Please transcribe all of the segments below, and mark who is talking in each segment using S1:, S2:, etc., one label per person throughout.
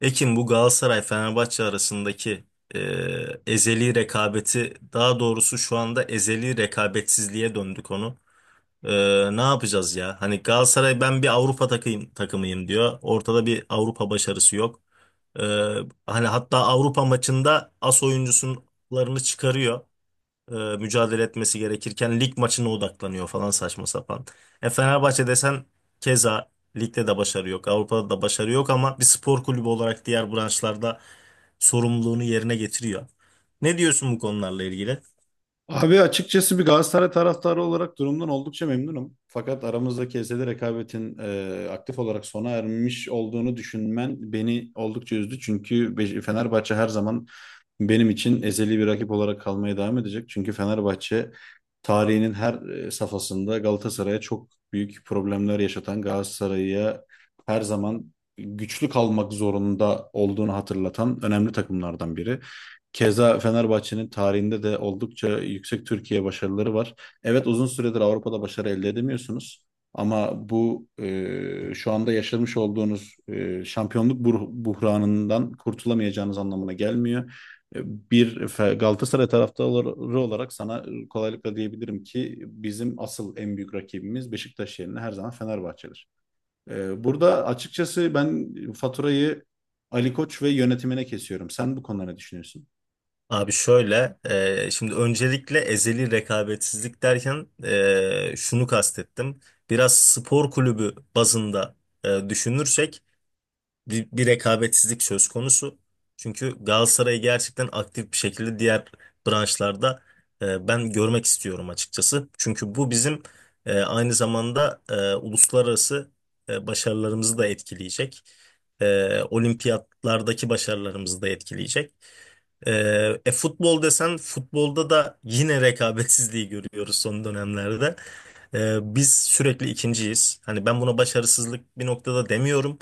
S1: Ekin, bu Galatasaray-Fenerbahçe arasındaki ezeli rekabeti, daha doğrusu şu anda ezeli rekabetsizliğe döndü konu. Ne yapacağız ya? Hani Galatasaray ben bir Avrupa takımıyım diyor. Ortada bir Avrupa başarısı yok. Eee, Hani hatta Avrupa maçında as oyuncularını çıkarıyor, mücadele etmesi gerekirken lig maçına odaklanıyor falan, saçma sapan. Fenerbahçe desen keza ligde de başarı yok, Avrupa'da da başarı yok, ama bir spor kulübü olarak diğer branşlarda sorumluluğunu yerine getiriyor. Ne diyorsun bu konularla ilgili?
S2: Abi açıkçası bir Galatasaray taraftarı olarak durumdan oldukça memnunum. Fakat aramızdaki ezeli rekabetin aktif olarak sona ermiş olduğunu düşünmen beni oldukça üzdü. Çünkü Fenerbahçe her zaman benim için ezeli bir rakip olarak kalmaya devam edecek. Çünkü Fenerbahçe tarihinin her safhasında Galatasaray'a çok büyük problemler yaşatan, Galatasaray'a her zaman güçlü kalmak zorunda olduğunu hatırlatan önemli takımlardan biri. Keza Fenerbahçe'nin tarihinde de oldukça yüksek Türkiye başarıları var. Evet, uzun süredir Avrupa'da başarı elde edemiyorsunuz ama bu şu anda yaşamış olduğunuz şampiyonluk buhranından kurtulamayacağınız anlamına gelmiyor. E, Bir Galatasaray taraftarı olarak sana kolaylıkla diyebilirim ki bizim asıl en büyük rakibimiz Beşiktaş yerine her zaman Fenerbahçe'dir. Burada açıkçası ben faturayı Ali Koç ve yönetimine kesiyorum. Sen bu konuda ne düşünüyorsun?
S1: Abi şöyle, şimdi öncelikle ezeli rekabetsizlik derken şunu kastettim. Biraz spor kulübü bazında düşünürsek bir rekabetsizlik söz konusu. Çünkü Galatasaray'ı gerçekten aktif bir şekilde diğer branşlarda ben görmek istiyorum açıkçası. Çünkü bu bizim aynı zamanda uluslararası başarılarımızı da etkileyecek. Olimpiyatlardaki başarılarımızı da etkileyecek. E, Futbol desen, futbolda da yine rekabetsizliği görüyoruz son dönemlerde. Biz sürekli ikinciyiz. Hani ben buna başarısızlık bir noktada demiyorum.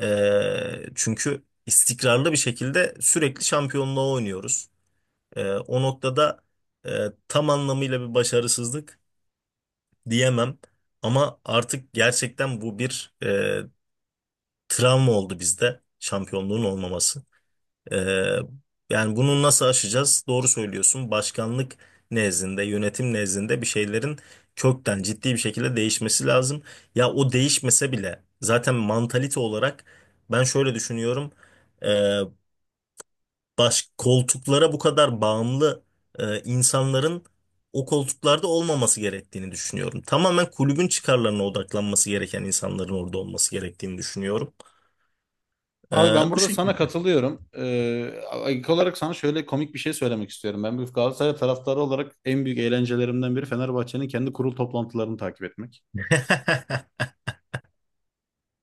S1: Çünkü istikrarlı bir şekilde sürekli şampiyonluğa oynuyoruz. O noktada e, tam anlamıyla bir başarısızlık diyemem. Ama artık gerçekten bu bir travma oldu bizde, şampiyonluğun olmaması. Ee, Yani bunu nasıl aşacağız? Doğru söylüyorsun. Başkanlık nezdinde, yönetim nezdinde bir şeylerin kökten, ciddi bir şekilde değişmesi lazım. Ya o değişmese bile zaten mantalite olarak ben şöyle düşünüyorum. Ee, Koltuklara bu kadar bağımlı insanların o koltuklarda olmaması gerektiğini düşünüyorum. Tamamen kulübün çıkarlarına odaklanması gereken insanların orada olması gerektiğini düşünüyorum.
S2: Abi ben
S1: Ee, Bu
S2: burada sana
S1: şekilde.
S2: katılıyorum. İlk olarak sana şöyle komik bir şey söylemek istiyorum. Ben bir Galatasaray taraftarı olarak en büyük eğlencelerimden biri Fenerbahçe'nin kendi kurul toplantılarını takip etmek.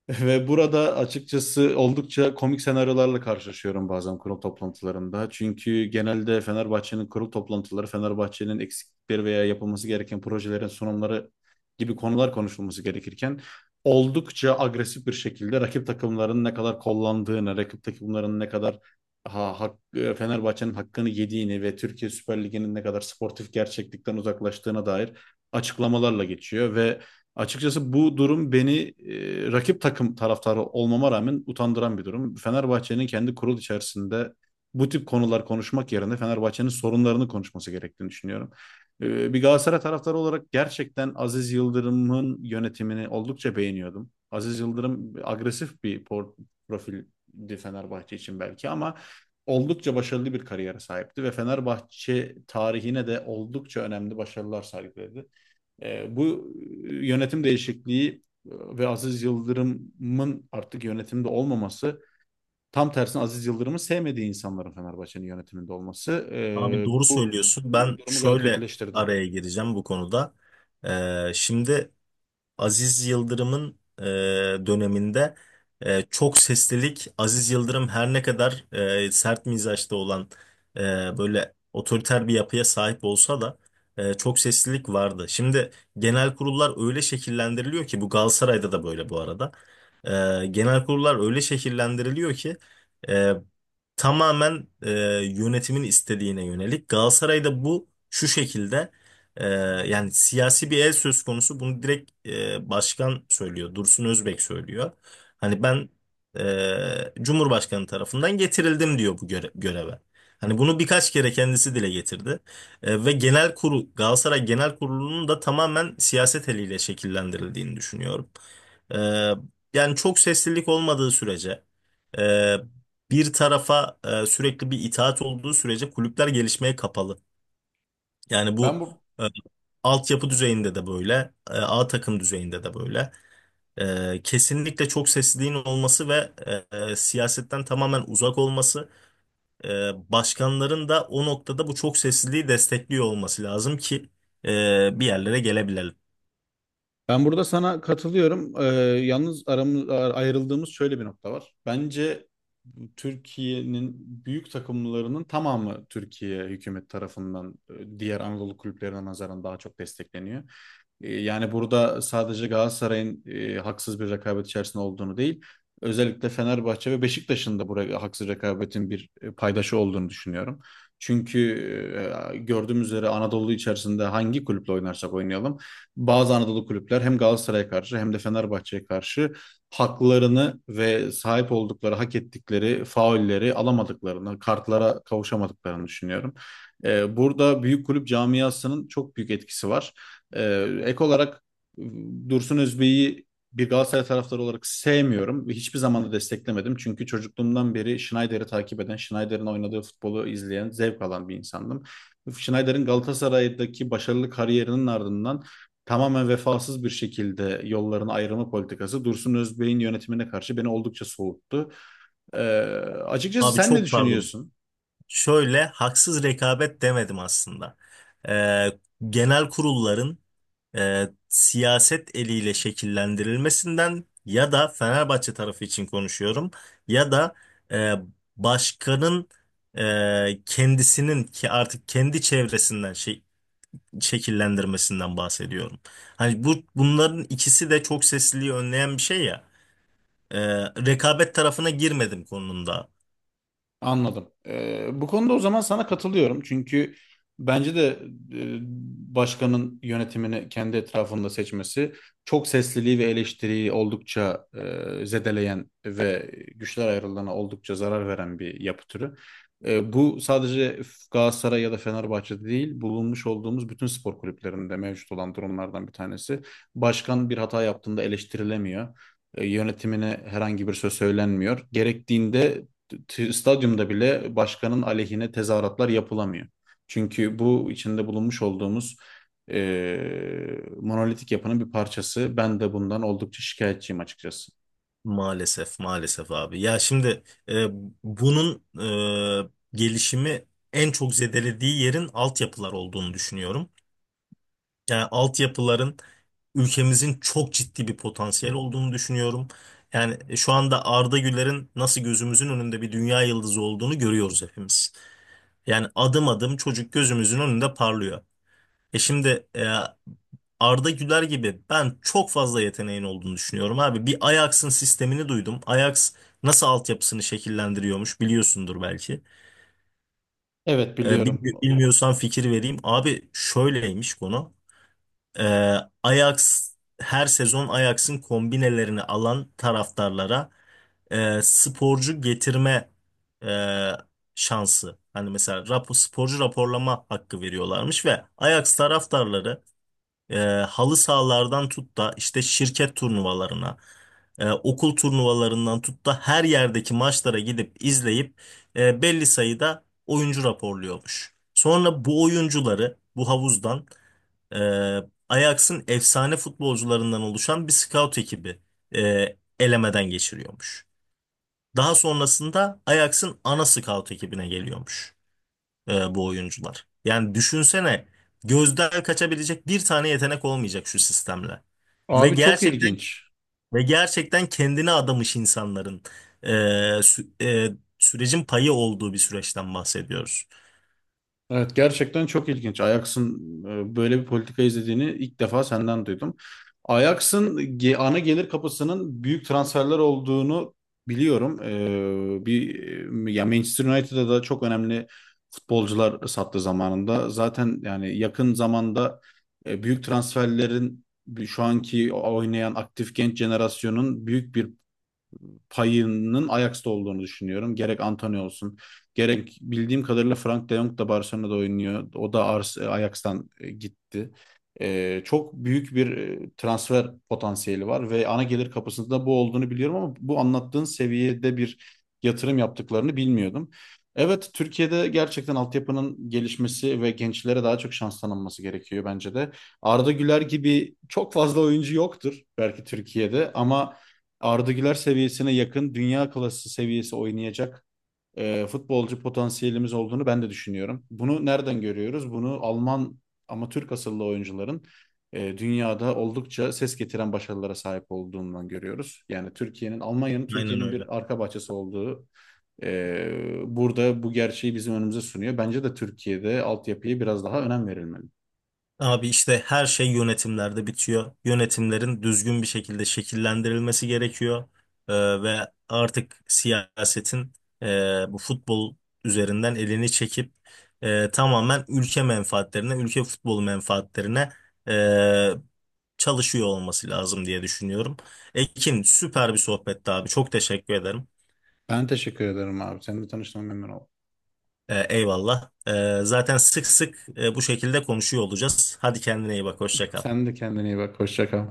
S2: Ve burada açıkçası oldukça komik senaryolarla karşılaşıyorum bazen kurul toplantılarında. Çünkü genelde Fenerbahçe'nin kurul toplantıları, Fenerbahçe'nin eksiklikleri veya yapılması gereken projelerin sunumları gibi konular konuşulması gerekirken oldukça agresif bir şekilde rakip takımların ne kadar kollandığını, rakip takımların ne kadar Fenerbahçe'nin hakkını yediğini ve Türkiye Süper Ligi'nin ne kadar sportif gerçeklikten uzaklaştığına dair açıklamalarla geçiyor. Ve açıkçası bu durum beni rakip takım taraftarı olmama rağmen utandıran bir durum. Fenerbahçe'nin kendi kurul içerisinde bu tip konular konuşmak yerine Fenerbahçe'nin sorunlarını konuşması gerektiğini düşünüyorum. Bir Galatasaray taraftarı olarak gerçekten Aziz Yıldırım'ın yönetimini oldukça beğeniyordum. Aziz Yıldırım agresif bir profildi Fenerbahçe için belki ama oldukça başarılı bir kariyere sahipti ve Fenerbahçe tarihine de oldukça önemli başarılar sergiledi. E, bu Yönetim değişikliği e, ve Aziz Yıldırım'ın artık yönetimde olmaması, tam tersine Aziz Yıldırım'ı sevmediği insanların Fenerbahçe'nin yönetiminde olması,
S1: Abi doğru söylüyorsun. Ben
S2: durumu gayet
S1: şöyle
S2: kötüleştirdi.
S1: araya gireceğim bu konuda. Şimdi. Aziz Yıldırım'ın döneminde çok seslilik, Aziz Yıldırım her ne kadar sert mizaçta olan, e, böyle otoriter bir yapıya sahip olsa da çok seslilik vardı. Şimdi genel kurullar öyle şekillendiriliyor ki, bu Galatasaray'da da böyle bu arada. Genel kurullar öyle şekillendiriliyor ki e, tamamen yönetimin istediğine yönelik. Galatasaray'da bu şu şekilde: ee, yani siyasi bir el söz konusu, bunu direkt başkan söylüyor. Dursun Özbek söylüyor. Hani ben Cumhurbaşkanı tarafından getirildim diyor bu göreve. Hani bunu birkaç kere kendisi dile getirdi. Ve genel kurul, Galatasaray Genel Kurulu'nun da tamamen siyaset eliyle şekillendirildiğini düşünüyorum. E, Yani çok seslilik olmadığı sürece, e, bir tarafa sürekli bir itaat olduğu sürece kulüpler gelişmeye kapalı. Yani
S2: Ben
S1: bu
S2: bu
S1: e, altyapı düzeyinde de böyle, A takım düzeyinde de böyle. Kesinlikle çok sesliliğin olması ve siyasetten tamamen uzak olması, e, başkanların da o noktada bu çok sesliliği destekliyor olması lazım ki bir yerlere gelebilelim.
S2: Ben burada sana katılıyorum. Yalnız ayrıldığımız şöyle bir nokta var. Bence Türkiye'nin büyük takımlarının tamamı Türkiye hükümet tarafından diğer Anadolu kulüplerine nazaran daha çok destekleniyor. Yani burada sadece Galatasaray'ın haksız bir rekabet içerisinde olduğunu değil, özellikle Fenerbahçe ve Beşiktaş'ın da buraya haksız rekabetin bir paydaşı olduğunu düşünüyorum. Çünkü gördüğümüz üzere Anadolu içerisinde hangi kulüple oynarsak oynayalım bazı Anadolu kulüpler hem Galatasaray'a karşı hem de Fenerbahçe'ye karşı haklarını ve sahip oldukları, hak ettikleri faulleri alamadıklarını, kartlara kavuşamadıklarını düşünüyorum. Burada büyük kulüp camiasının çok büyük etkisi var. Ek olarak Dursun Özbey'i bir Galatasaray taraftarı olarak sevmiyorum ve hiçbir zaman da desteklemedim. Çünkü çocukluğumdan beri Schneider'i takip eden, Schneider'in oynadığı futbolu izleyen, zevk alan bir insandım. Schneider'in Galatasaray'daki başarılı kariyerinin ardından tamamen vefasız bir şekilde yollarını ayırma politikası Dursun Özbey'in yönetimine karşı beni oldukça soğuttu. Ee, Açıkçası
S1: Abi
S2: sen ne
S1: çok pardon.
S2: düşünüyorsun?
S1: Şöyle haksız rekabet demedim aslında. E, Genel kurulların siyaset eliyle şekillendirilmesinden ya da Fenerbahçe tarafı için konuşuyorum, ya da e, başkanın kendisinin, ki artık kendi çevresinden şey şekillendirmesinden bahsediyorum. Hani bu, bunların ikisi de çok sesliliği önleyen bir şey ya. E, Rekabet tarafına girmedim konumda.
S2: Anladım. Bu konuda o zaman sana katılıyorum. Çünkü bence de e, başkanın yönetimini kendi etrafında seçmesi çok sesliliği ve eleştiriyi oldukça zedeleyen ve güçler ayrılığına oldukça zarar veren bir yapı türü. Bu sadece Galatasaray ya da Fenerbahçe'de değil, bulunmuş olduğumuz bütün spor kulüplerinde mevcut olan durumlardan bir tanesi. Başkan bir hata yaptığında eleştirilemiyor. Yönetimine herhangi bir söz söylenmiyor. Gerektiğinde stadyumda bile başkanın aleyhine tezahüratlar yapılamıyor. Çünkü bu içinde bulunmuş olduğumuz monolitik yapının bir parçası. Ben de bundan oldukça şikayetçiyim açıkçası.
S1: Maalesef, maalesef, abi. Ya şimdi e, bunun e, gelişimi en çok zedelediği yerin altyapılar olduğunu düşünüyorum. Yani altyapıların, ülkemizin çok ciddi bir potansiyel olduğunu düşünüyorum. Yani şu anda Arda Güler'in nasıl gözümüzün önünde bir dünya yıldızı olduğunu görüyoruz hepimiz. Yani adım adım çocuk gözümüzün önünde parlıyor. E şimdi, Arda Güler gibi ben çok fazla yeteneğin olduğunu düşünüyorum abi. Bir Ajax'ın sistemini duydum. Ajax nasıl altyapısını şekillendiriyormuş biliyorsundur belki.
S2: Evet, biliyorum.
S1: Bilmiyorsan fikir vereyim. Abi şöyleymiş konu. Ee, Ajax, her sezon Ajax'ın kombinelerini alan taraftarlara sporcu getirme e, şansı. Hani mesela sporcu raporlama hakkı veriyorlarmış ve Ajax taraftarları e, halı sahalardan tut da işte şirket turnuvalarına, okul turnuvalarından tut da her yerdeki maçlara gidip izleyip belli sayıda oyuncu raporluyormuş. Sonra bu oyuncuları, bu havuzdan e, Ajax'ın efsane futbolcularından oluşan bir scout ekibi elemeden geçiriyormuş. Daha sonrasında Ajax'ın ana scout ekibine geliyormuş bu oyuncular. Yani düşünsene, gözden kaçabilecek bir tane yetenek olmayacak şu sistemle. Ve
S2: Abi çok
S1: gerçekten
S2: ilginç.
S1: ve gerçekten kendine adamış insanların e, sü- sürecin payı olduğu bir süreçten bahsediyoruz.
S2: Evet, gerçekten çok ilginç. Ajax'ın böyle bir politika izlediğini ilk defa senden duydum. Ana gelir kapısının büyük transferler olduğunu biliyorum. Ya, Manchester United'da da çok önemli futbolcular sattı zamanında. Zaten yani yakın zamanda büyük transferlerin şu anki oynayan aktif genç jenerasyonun büyük bir payının Ajax'ta olduğunu düşünüyorum. Gerek Antonio olsun, gerek bildiğim kadarıyla Frank de Jong da Barcelona'da oynuyor. O da Ajax'tan gitti. Çok büyük bir transfer potansiyeli var ve ana gelir kapısında bu olduğunu biliyorum ama bu anlattığın seviyede bir yatırım yaptıklarını bilmiyordum. Evet, Türkiye'de gerçekten altyapının gelişmesi ve gençlere daha çok şans tanınması gerekiyor bence de. Arda Güler gibi çok fazla oyuncu yoktur belki Türkiye'de ama Arda Güler seviyesine yakın dünya klası seviyesi oynayacak futbolcu potansiyelimiz olduğunu ben de düşünüyorum. Bunu nereden görüyoruz? Bunu Alman ama Türk asıllı oyuncuların dünyada oldukça ses getiren başarılara sahip olduğundan görüyoruz. Yani Türkiye'nin, Almanya'nın
S1: Aynen
S2: Türkiye'nin
S1: öyle.
S2: bir arka bahçesi olduğu, burada bu gerçeği bizim önümüze sunuyor. Bence de Türkiye'de altyapıya biraz daha önem verilmeli.
S1: Abi işte her şey yönetimlerde bitiyor. Yönetimlerin düzgün bir şekilde şekillendirilmesi gerekiyor. Ve artık siyasetin e, bu futbol üzerinden elini çekip tamamen ülke menfaatlerine, ülke futbolu menfaatlerine e, çalışıyor olması lazım diye düşünüyorum. Ekin, süper bir sohbetti abi. Çok teşekkür ederim.
S2: Ben teşekkür ederim abi. Seninle tanıştığıma memnun oldum.
S1: Eyvallah. Zaten sık sık bu şekilde konuşuyor olacağız. Hadi kendine iyi bak. Hoşça kal.
S2: Sen de kendine iyi bak. Hoşça kal.